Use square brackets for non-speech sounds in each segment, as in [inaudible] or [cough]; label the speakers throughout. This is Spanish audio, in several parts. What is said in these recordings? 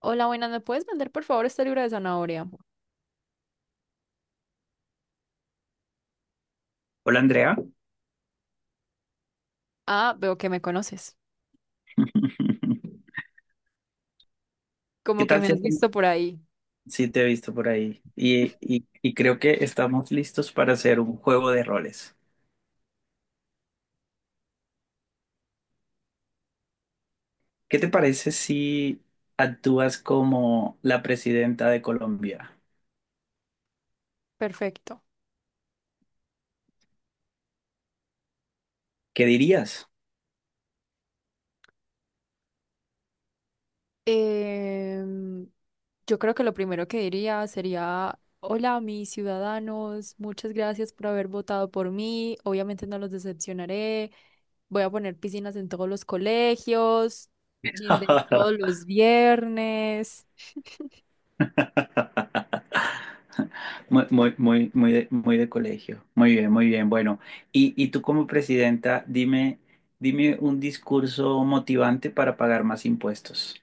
Speaker 1: Hola, buenas, ¿me puedes vender por favor este libro de zanahoria?
Speaker 2: Hola Andrea,
Speaker 1: Ah, veo que me conoces,
Speaker 2: [laughs] ¿qué
Speaker 1: como que
Speaker 2: tal
Speaker 1: me
Speaker 2: si,
Speaker 1: has
Speaker 2: hacemos-
Speaker 1: visto por ahí.
Speaker 2: si te he visto por ahí? Y creo que estamos listos para hacer un juego de roles. ¿Qué te parece si actúas como la presidenta de Colombia?
Speaker 1: Perfecto.
Speaker 2: ¿Qué dirías?
Speaker 1: Em, yo creo que lo primero que diría sería, hola, mis ciudadanos, muchas gracias por haber votado por mí, obviamente no los decepcionaré, voy a poner piscinas en todos los colegios, gym day todos
Speaker 2: [laughs]
Speaker 1: los viernes.
Speaker 2: Muy, muy, muy, muy de colegio. Muy bien, muy bien. Bueno, y tú como presidenta, dime un discurso motivante para pagar más impuestos.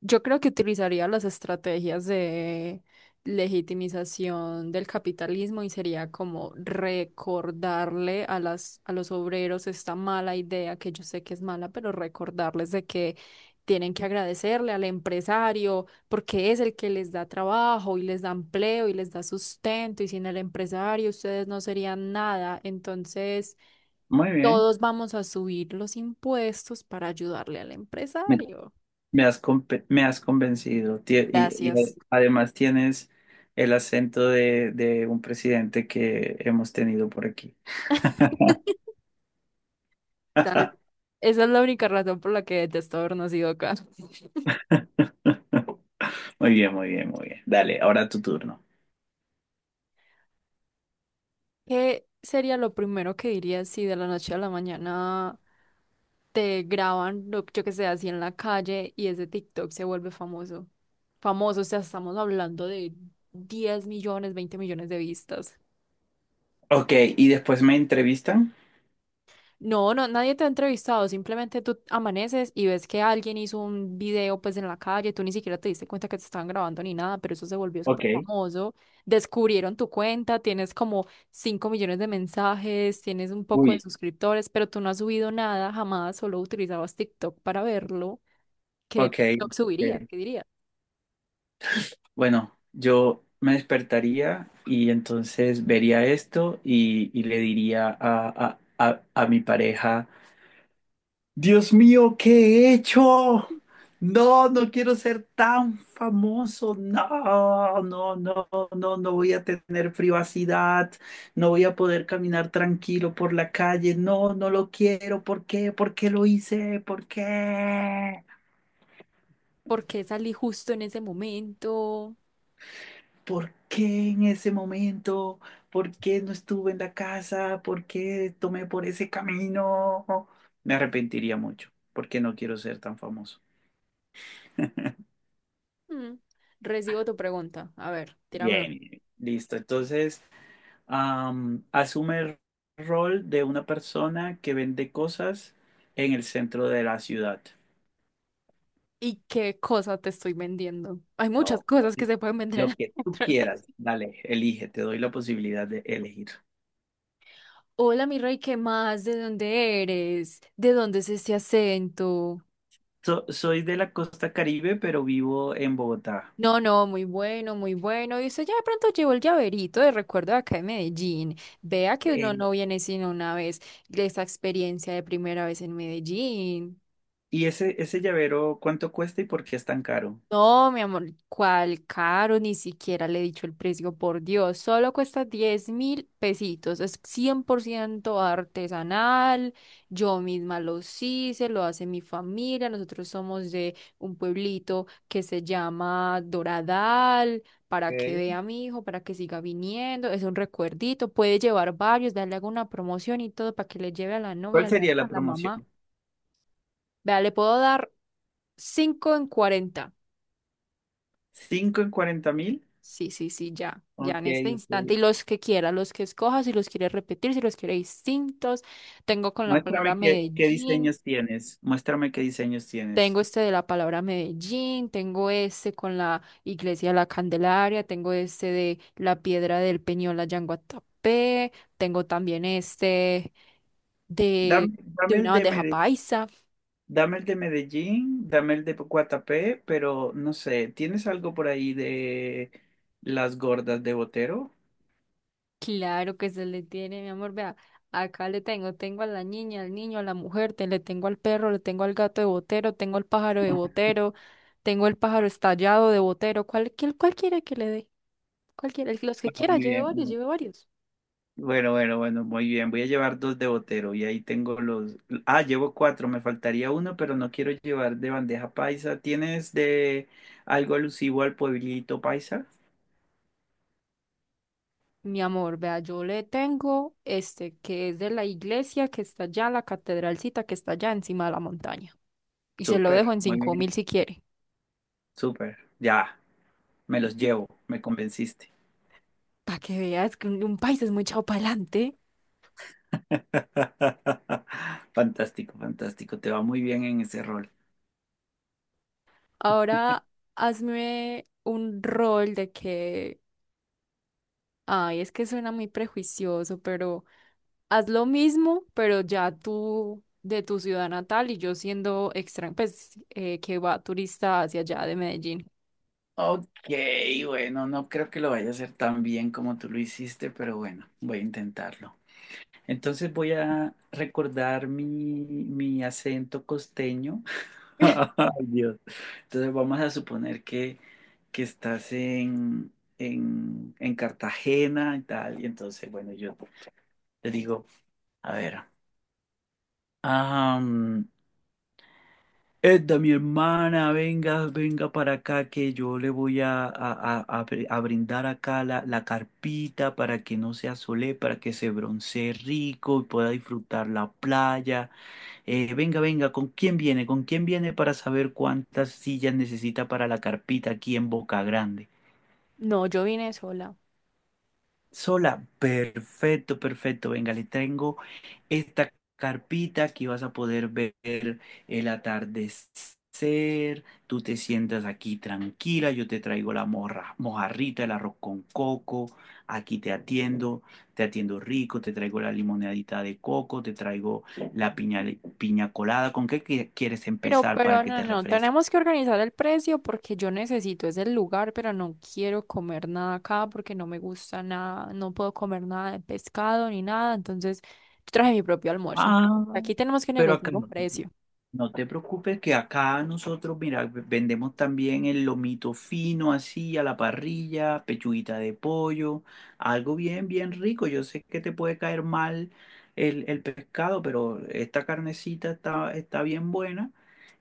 Speaker 1: Yo creo que utilizaría las estrategias de legitimización del capitalismo y sería como recordarle a los obreros esta mala idea que yo sé que es mala, pero recordarles de que tienen que agradecerle al empresario porque es el que les da trabajo y les da empleo y les da sustento y sin el empresario ustedes no serían nada. Entonces
Speaker 2: Muy bien.
Speaker 1: todos vamos a subir los impuestos para ayudarle al empresario.
Speaker 2: Me has convencido Y
Speaker 1: Gracias.
Speaker 2: además tienes el acento de un presidente que hemos tenido por aquí.
Speaker 1: ¿Sabes? Esa es la única razón por la que detesto haber nacido acá. [laughs]
Speaker 2: Muy bien, muy bien, muy bien. Dale, ahora tu turno.
Speaker 1: ¿Qué sería lo primero que dirías si de la noche a la mañana te graban, yo que sé, así en la calle y ese TikTok se vuelve famoso? Famoso, o sea, estamos hablando de 10 millones, 20 millones de vistas.
Speaker 2: Ok, y después me entrevistan.
Speaker 1: No, no, nadie te ha entrevistado, simplemente tú amaneces y ves que alguien hizo un video pues en la calle, tú ni siquiera te diste cuenta que te estaban grabando ni nada, pero eso se volvió
Speaker 2: Ok,
Speaker 1: súper famoso, descubrieron tu cuenta, tienes como 5 millones de mensajes, tienes un poco de
Speaker 2: uy,
Speaker 1: suscriptores, pero tú no has subido nada jamás, solo utilizabas TikTok para verlo. ¿Qué
Speaker 2: ok,
Speaker 1: TikTok subirías?
Speaker 2: ok.
Speaker 1: ¿Qué dirías?
Speaker 2: Bueno, yo me despertaría y entonces vería esto y le diría a mi pareja. Dios mío, ¿qué he hecho? No, no quiero ser tan famoso. No, no, no, no, no voy a tener privacidad. No voy a poder caminar tranquilo por la calle. No, no lo quiero. ¿Por qué? ¿Por qué lo hice? ¿Por qué?
Speaker 1: ¿Por qué salí justo en ese momento?
Speaker 2: ¿Por qué en ese momento? ¿Por qué no estuve en la casa? ¿Por qué tomé por ese camino? Me arrepentiría mucho porque no quiero ser tan famoso.
Speaker 1: Mm, recibo tu pregunta, a ver, tírame una.
Speaker 2: Bien, listo. Entonces, asume el rol de una persona que vende cosas en el centro de la ciudad.
Speaker 1: ¿Y qué cosa te estoy vendiendo? Hay muchas
Speaker 2: No, pues,
Speaker 1: cosas que se pueden vender
Speaker 2: lo que
Speaker 1: [laughs]
Speaker 2: tú
Speaker 1: dentro de las-
Speaker 2: quieras, dale. Elige, te doy la posibilidad de elegir.
Speaker 1: Hola, mi rey, ¿qué más? ¿De dónde eres? ¿De dónde es este acento?
Speaker 2: Soy de la costa Caribe, pero vivo en Bogotá.
Speaker 1: No, no, muy bueno, muy bueno. Y usted ya de pronto llevó el llaverito de recuerdo de acá de Medellín. Vea que uno
Speaker 2: Eh,
Speaker 1: no viene sino una vez. Esa experiencia de primera vez en Medellín.
Speaker 2: ¿Y ese llavero cuánto cuesta y por qué es tan caro?
Speaker 1: No, mi amor, cuál caro, ni siquiera le he dicho el precio, por Dios, solo cuesta 10.000 pesitos, es 100% artesanal, yo misma lo hice, lo hace mi familia, nosotros somos de un pueblito que se llama Doradal, para que
Speaker 2: Ok.
Speaker 1: vea a mi hijo, para que siga viniendo, es un recuerdito, puede llevar varios, darle alguna promoción y todo para que le lleve a la novia,
Speaker 2: ¿Cuál
Speaker 1: a la
Speaker 2: sería
Speaker 1: hija,
Speaker 2: la
Speaker 1: a la
Speaker 2: promoción?
Speaker 1: mamá. Vea, le puedo dar 5 en 40.
Speaker 2: ¿Cinco en 40.000?
Speaker 1: Sí, sí, sí, ya, ya
Speaker 2: Ok,
Speaker 1: en este
Speaker 2: ok.
Speaker 1: instante. Y los que quiera, los que escoja, si los quiere repetir, si los quiere distintos. Tengo con la palabra
Speaker 2: Muéstrame qué
Speaker 1: Medellín,
Speaker 2: diseños tienes. Muéstrame qué diseños tienes.
Speaker 1: tengo este de la palabra Medellín, tengo este con la iglesia de la Candelaria, tengo este de la piedra del Peñol allá en Guatapé, tengo también este de,
Speaker 2: Dame,
Speaker 1: de
Speaker 2: dame el
Speaker 1: una
Speaker 2: de
Speaker 1: bandeja
Speaker 2: Medellín.
Speaker 1: paisa.
Speaker 2: Dame el de Medellín, dame el de Guatapé, pero no sé, ¿tienes algo por ahí de las gordas de Botero?
Speaker 1: Claro que se le tiene, mi amor, vea, acá le tengo, tengo a la niña, al niño, a la mujer, te, le tengo al perro, le tengo al gato de Botero, tengo al pájaro de Botero, tengo el pájaro estallado de Botero, ¿cuál quiere que le dé? Cualquiera, los que
Speaker 2: Ah,
Speaker 1: quiera,
Speaker 2: muy
Speaker 1: lleve
Speaker 2: bien.
Speaker 1: varios, lleve varios.
Speaker 2: Bueno, bueno, bueno, muy bien. Voy a llevar dos de Botero y ahí tengo los... Ah, llevo cuatro, me faltaría uno, pero no quiero llevar de bandeja paisa. ¿Tienes de algo alusivo al pueblito paisa?
Speaker 1: Mi amor, vea, yo le tengo este que es de la iglesia que está allá, la catedralcita que está allá encima de la montaña. Y se lo
Speaker 2: Súper,
Speaker 1: dejo en
Speaker 2: muy
Speaker 1: cinco
Speaker 2: bien.
Speaker 1: mil si quiere.
Speaker 2: Súper. Ya, me los llevo, me convenciste.
Speaker 1: Para que veas que un país es muy echado para adelante.
Speaker 2: [laughs] Fantástico, fantástico. Te va muy bien en ese rol.
Speaker 1: Ahora hazme un rol de que, ay, es que suena muy prejuicioso, pero haz lo mismo, pero ya tú de tu ciudad natal y yo siendo extranjero, pues que va turista hacia allá de Medellín.
Speaker 2: Ok, bueno, no creo que lo vaya a hacer tan bien como tú lo hiciste, pero bueno, voy a intentarlo. Entonces voy a recordar mi acento costeño. [laughs]
Speaker 1: [laughs]
Speaker 2: Ay, Dios. Entonces vamos a suponer que estás en, en Cartagena y tal. Y entonces, bueno, yo te digo, a ver, Edda, mi hermana, venga, venga para acá que yo le voy a brindar acá la carpita para que no se asole, para que se broncee rico y pueda disfrutar la playa. Venga, venga, ¿con quién viene? ¿Con quién viene para saber cuántas sillas necesita para la carpita aquí en Boca Grande?
Speaker 1: No, yo vine sola.
Speaker 2: Sola, perfecto, perfecto. Venga, le tengo esta carpita, aquí vas a poder ver el atardecer. Tú te sientas aquí tranquila, yo te traigo la morra, mojarrita, el arroz con coco. Aquí te atiendo rico, te traigo la limonadita de coco, te traigo la piña, piña colada. ¿Con qué quieres
Speaker 1: Pero,
Speaker 2: empezar
Speaker 1: pero
Speaker 2: para que
Speaker 1: no,
Speaker 2: te
Speaker 1: no,
Speaker 2: refresque?
Speaker 1: tenemos que organizar el precio porque yo necesito ese lugar, pero no quiero comer nada acá porque no me gusta nada, no puedo comer nada de pescado ni nada, entonces yo traje mi propio almuerzo. Entonces,
Speaker 2: Ah,
Speaker 1: aquí tenemos que
Speaker 2: pero acá
Speaker 1: negociar un
Speaker 2: no.
Speaker 1: precio.
Speaker 2: No te preocupes que acá nosotros, mira, vendemos también el lomito fino así a la parrilla, pechuguita de pollo, algo bien, bien rico. Yo sé que te puede caer mal el pescado, pero esta carnecita está bien buena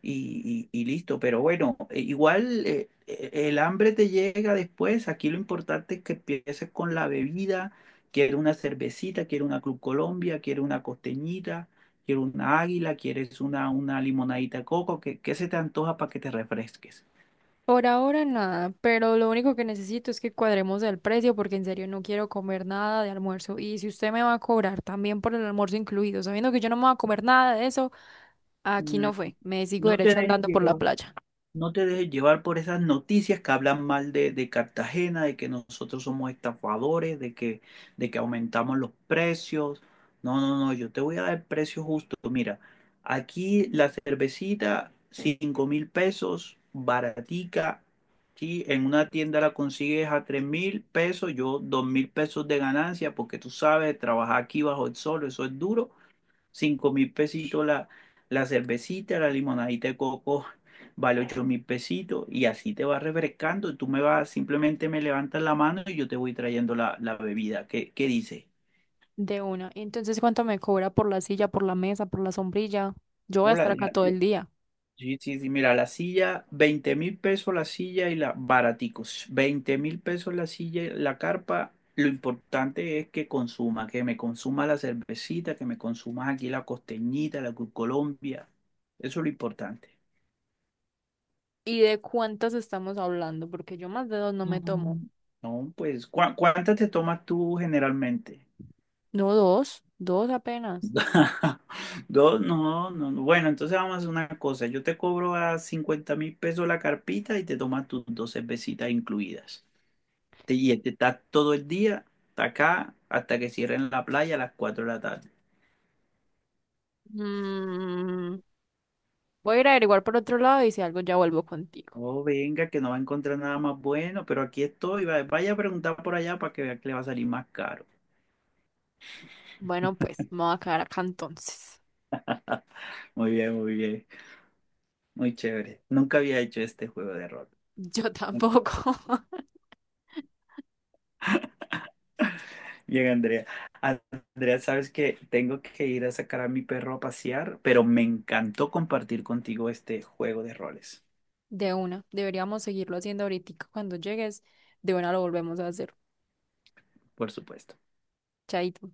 Speaker 2: y listo. Pero bueno, igual el hambre te llega después. Aquí lo importante es que empieces con la bebida. Quiero una cervecita, quiero una Club Colombia, quiero una costeñita. Quiero una águila, quieres una limonadita de coco, ¿qué se te antoja para que te refresques?
Speaker 1: Por ahora nada, pero lo único que necesito es que cuadremos el precio porque en serio no quiero comer nada de almuerzo. Y si usted me va a cobrar también por el almuerzo incluido, sabiendo que yo no me voy a comer nada de eso, aquí
Speaker 2: Mm.
Speaker 1: no fue, me sigo
Speaker 2: No te
Speaker 1: derecho
Speaker 2: dejes
Speaker 1: andando por la
Speaker 2: llevar.
Speaker 1: playa.
Speaker 2: No te dejes llevar por esas noticias que hablan mal de Cartagena, de que nosotros somos estafadores, de que aumentamos los precios. No, no, no, yo te voy a dar el precio justo. Mira, aquí la cervecita, 5.000 pesos, baratica. ¿Sí? En una tienda la consigues a 3.000 pesos, yo 2.000 pesos de ganancia, porque tú sabes, trabajar aquí bajo el sol, eso es duro. 5.000 pesitos la cervecita, la limonadita de coco vale 8.000 pesitos y así te vas refrescando. Tú me vas, simplemente me levantas la mano y yo te voy trayendo la bebida. ¿Qué dice?
Speaker 1: De una. Y entonces, ¿cuánto me cobra por la silla, por la mesa, por la sombrilla? Yo voy a
Speaker 2: Hola,
Speaker 1: estar acá
Speaker 2: la-
Speaker 1: todo el día.
Speaker 2: sí, sí, sí, mira, la silla, 20.000 pesos la silla y la baraticos, 20.000 pesos la silla y la carpa. Lo importante es que consuma, que me consuma la cervecita, que me consumas aquí la costeñita, la Cruz Colombia. Eso es lo importante.
Speaker 1: ¿Y de cuántas estamos hablando? Porque yo más de dos no me tomo.
Speaker 2: Mm. No, pues, ¿cuántas te tomas tú generalmente?
Speaker 1: No, dos, dos apenas.
Speaker 2: [laughs] Dos, no, no, no. Bueno, entonces vamos a hacer una cosa. Yo te cobro a 50.000 pesos la carpita y te tomas tus dos cervecitas incluidas. Y te estás todo el día hasta acá hasta que cierren la playa a las 4 de la tarde.
Speaker 1: Mm, voy a ir a averiguar por otro lado y si algo ya vuelvo contigo.
Speaker 2: Oh, venga, que no va a encontrar nada más bueno, pero aquí estoy. Vaya a preguntar por allá para que vea que le va a salir más caro.
Speaker 1: Bueno, pues me voy a quedar acá entonces.
Speaker 2: [laughs] Muy bien, muy bien. Muy chévere. Nunca había hecho este juego de rol.
Speaker 1: Yo tampoco. [laughs]
Speaker 2: Bien, Andrea. Andrea, sabes que tengo que ir a sacar a mi perro a pasear, pero me encantó compartir contigo este juego de roles,
Speaker 1: De una. Deberíamos seguirlo haciendo ahorita. Cuando llegues, de una lo volvemos a hacer.
Speaker 2: por supuesto.
Speaker 1: Chaito.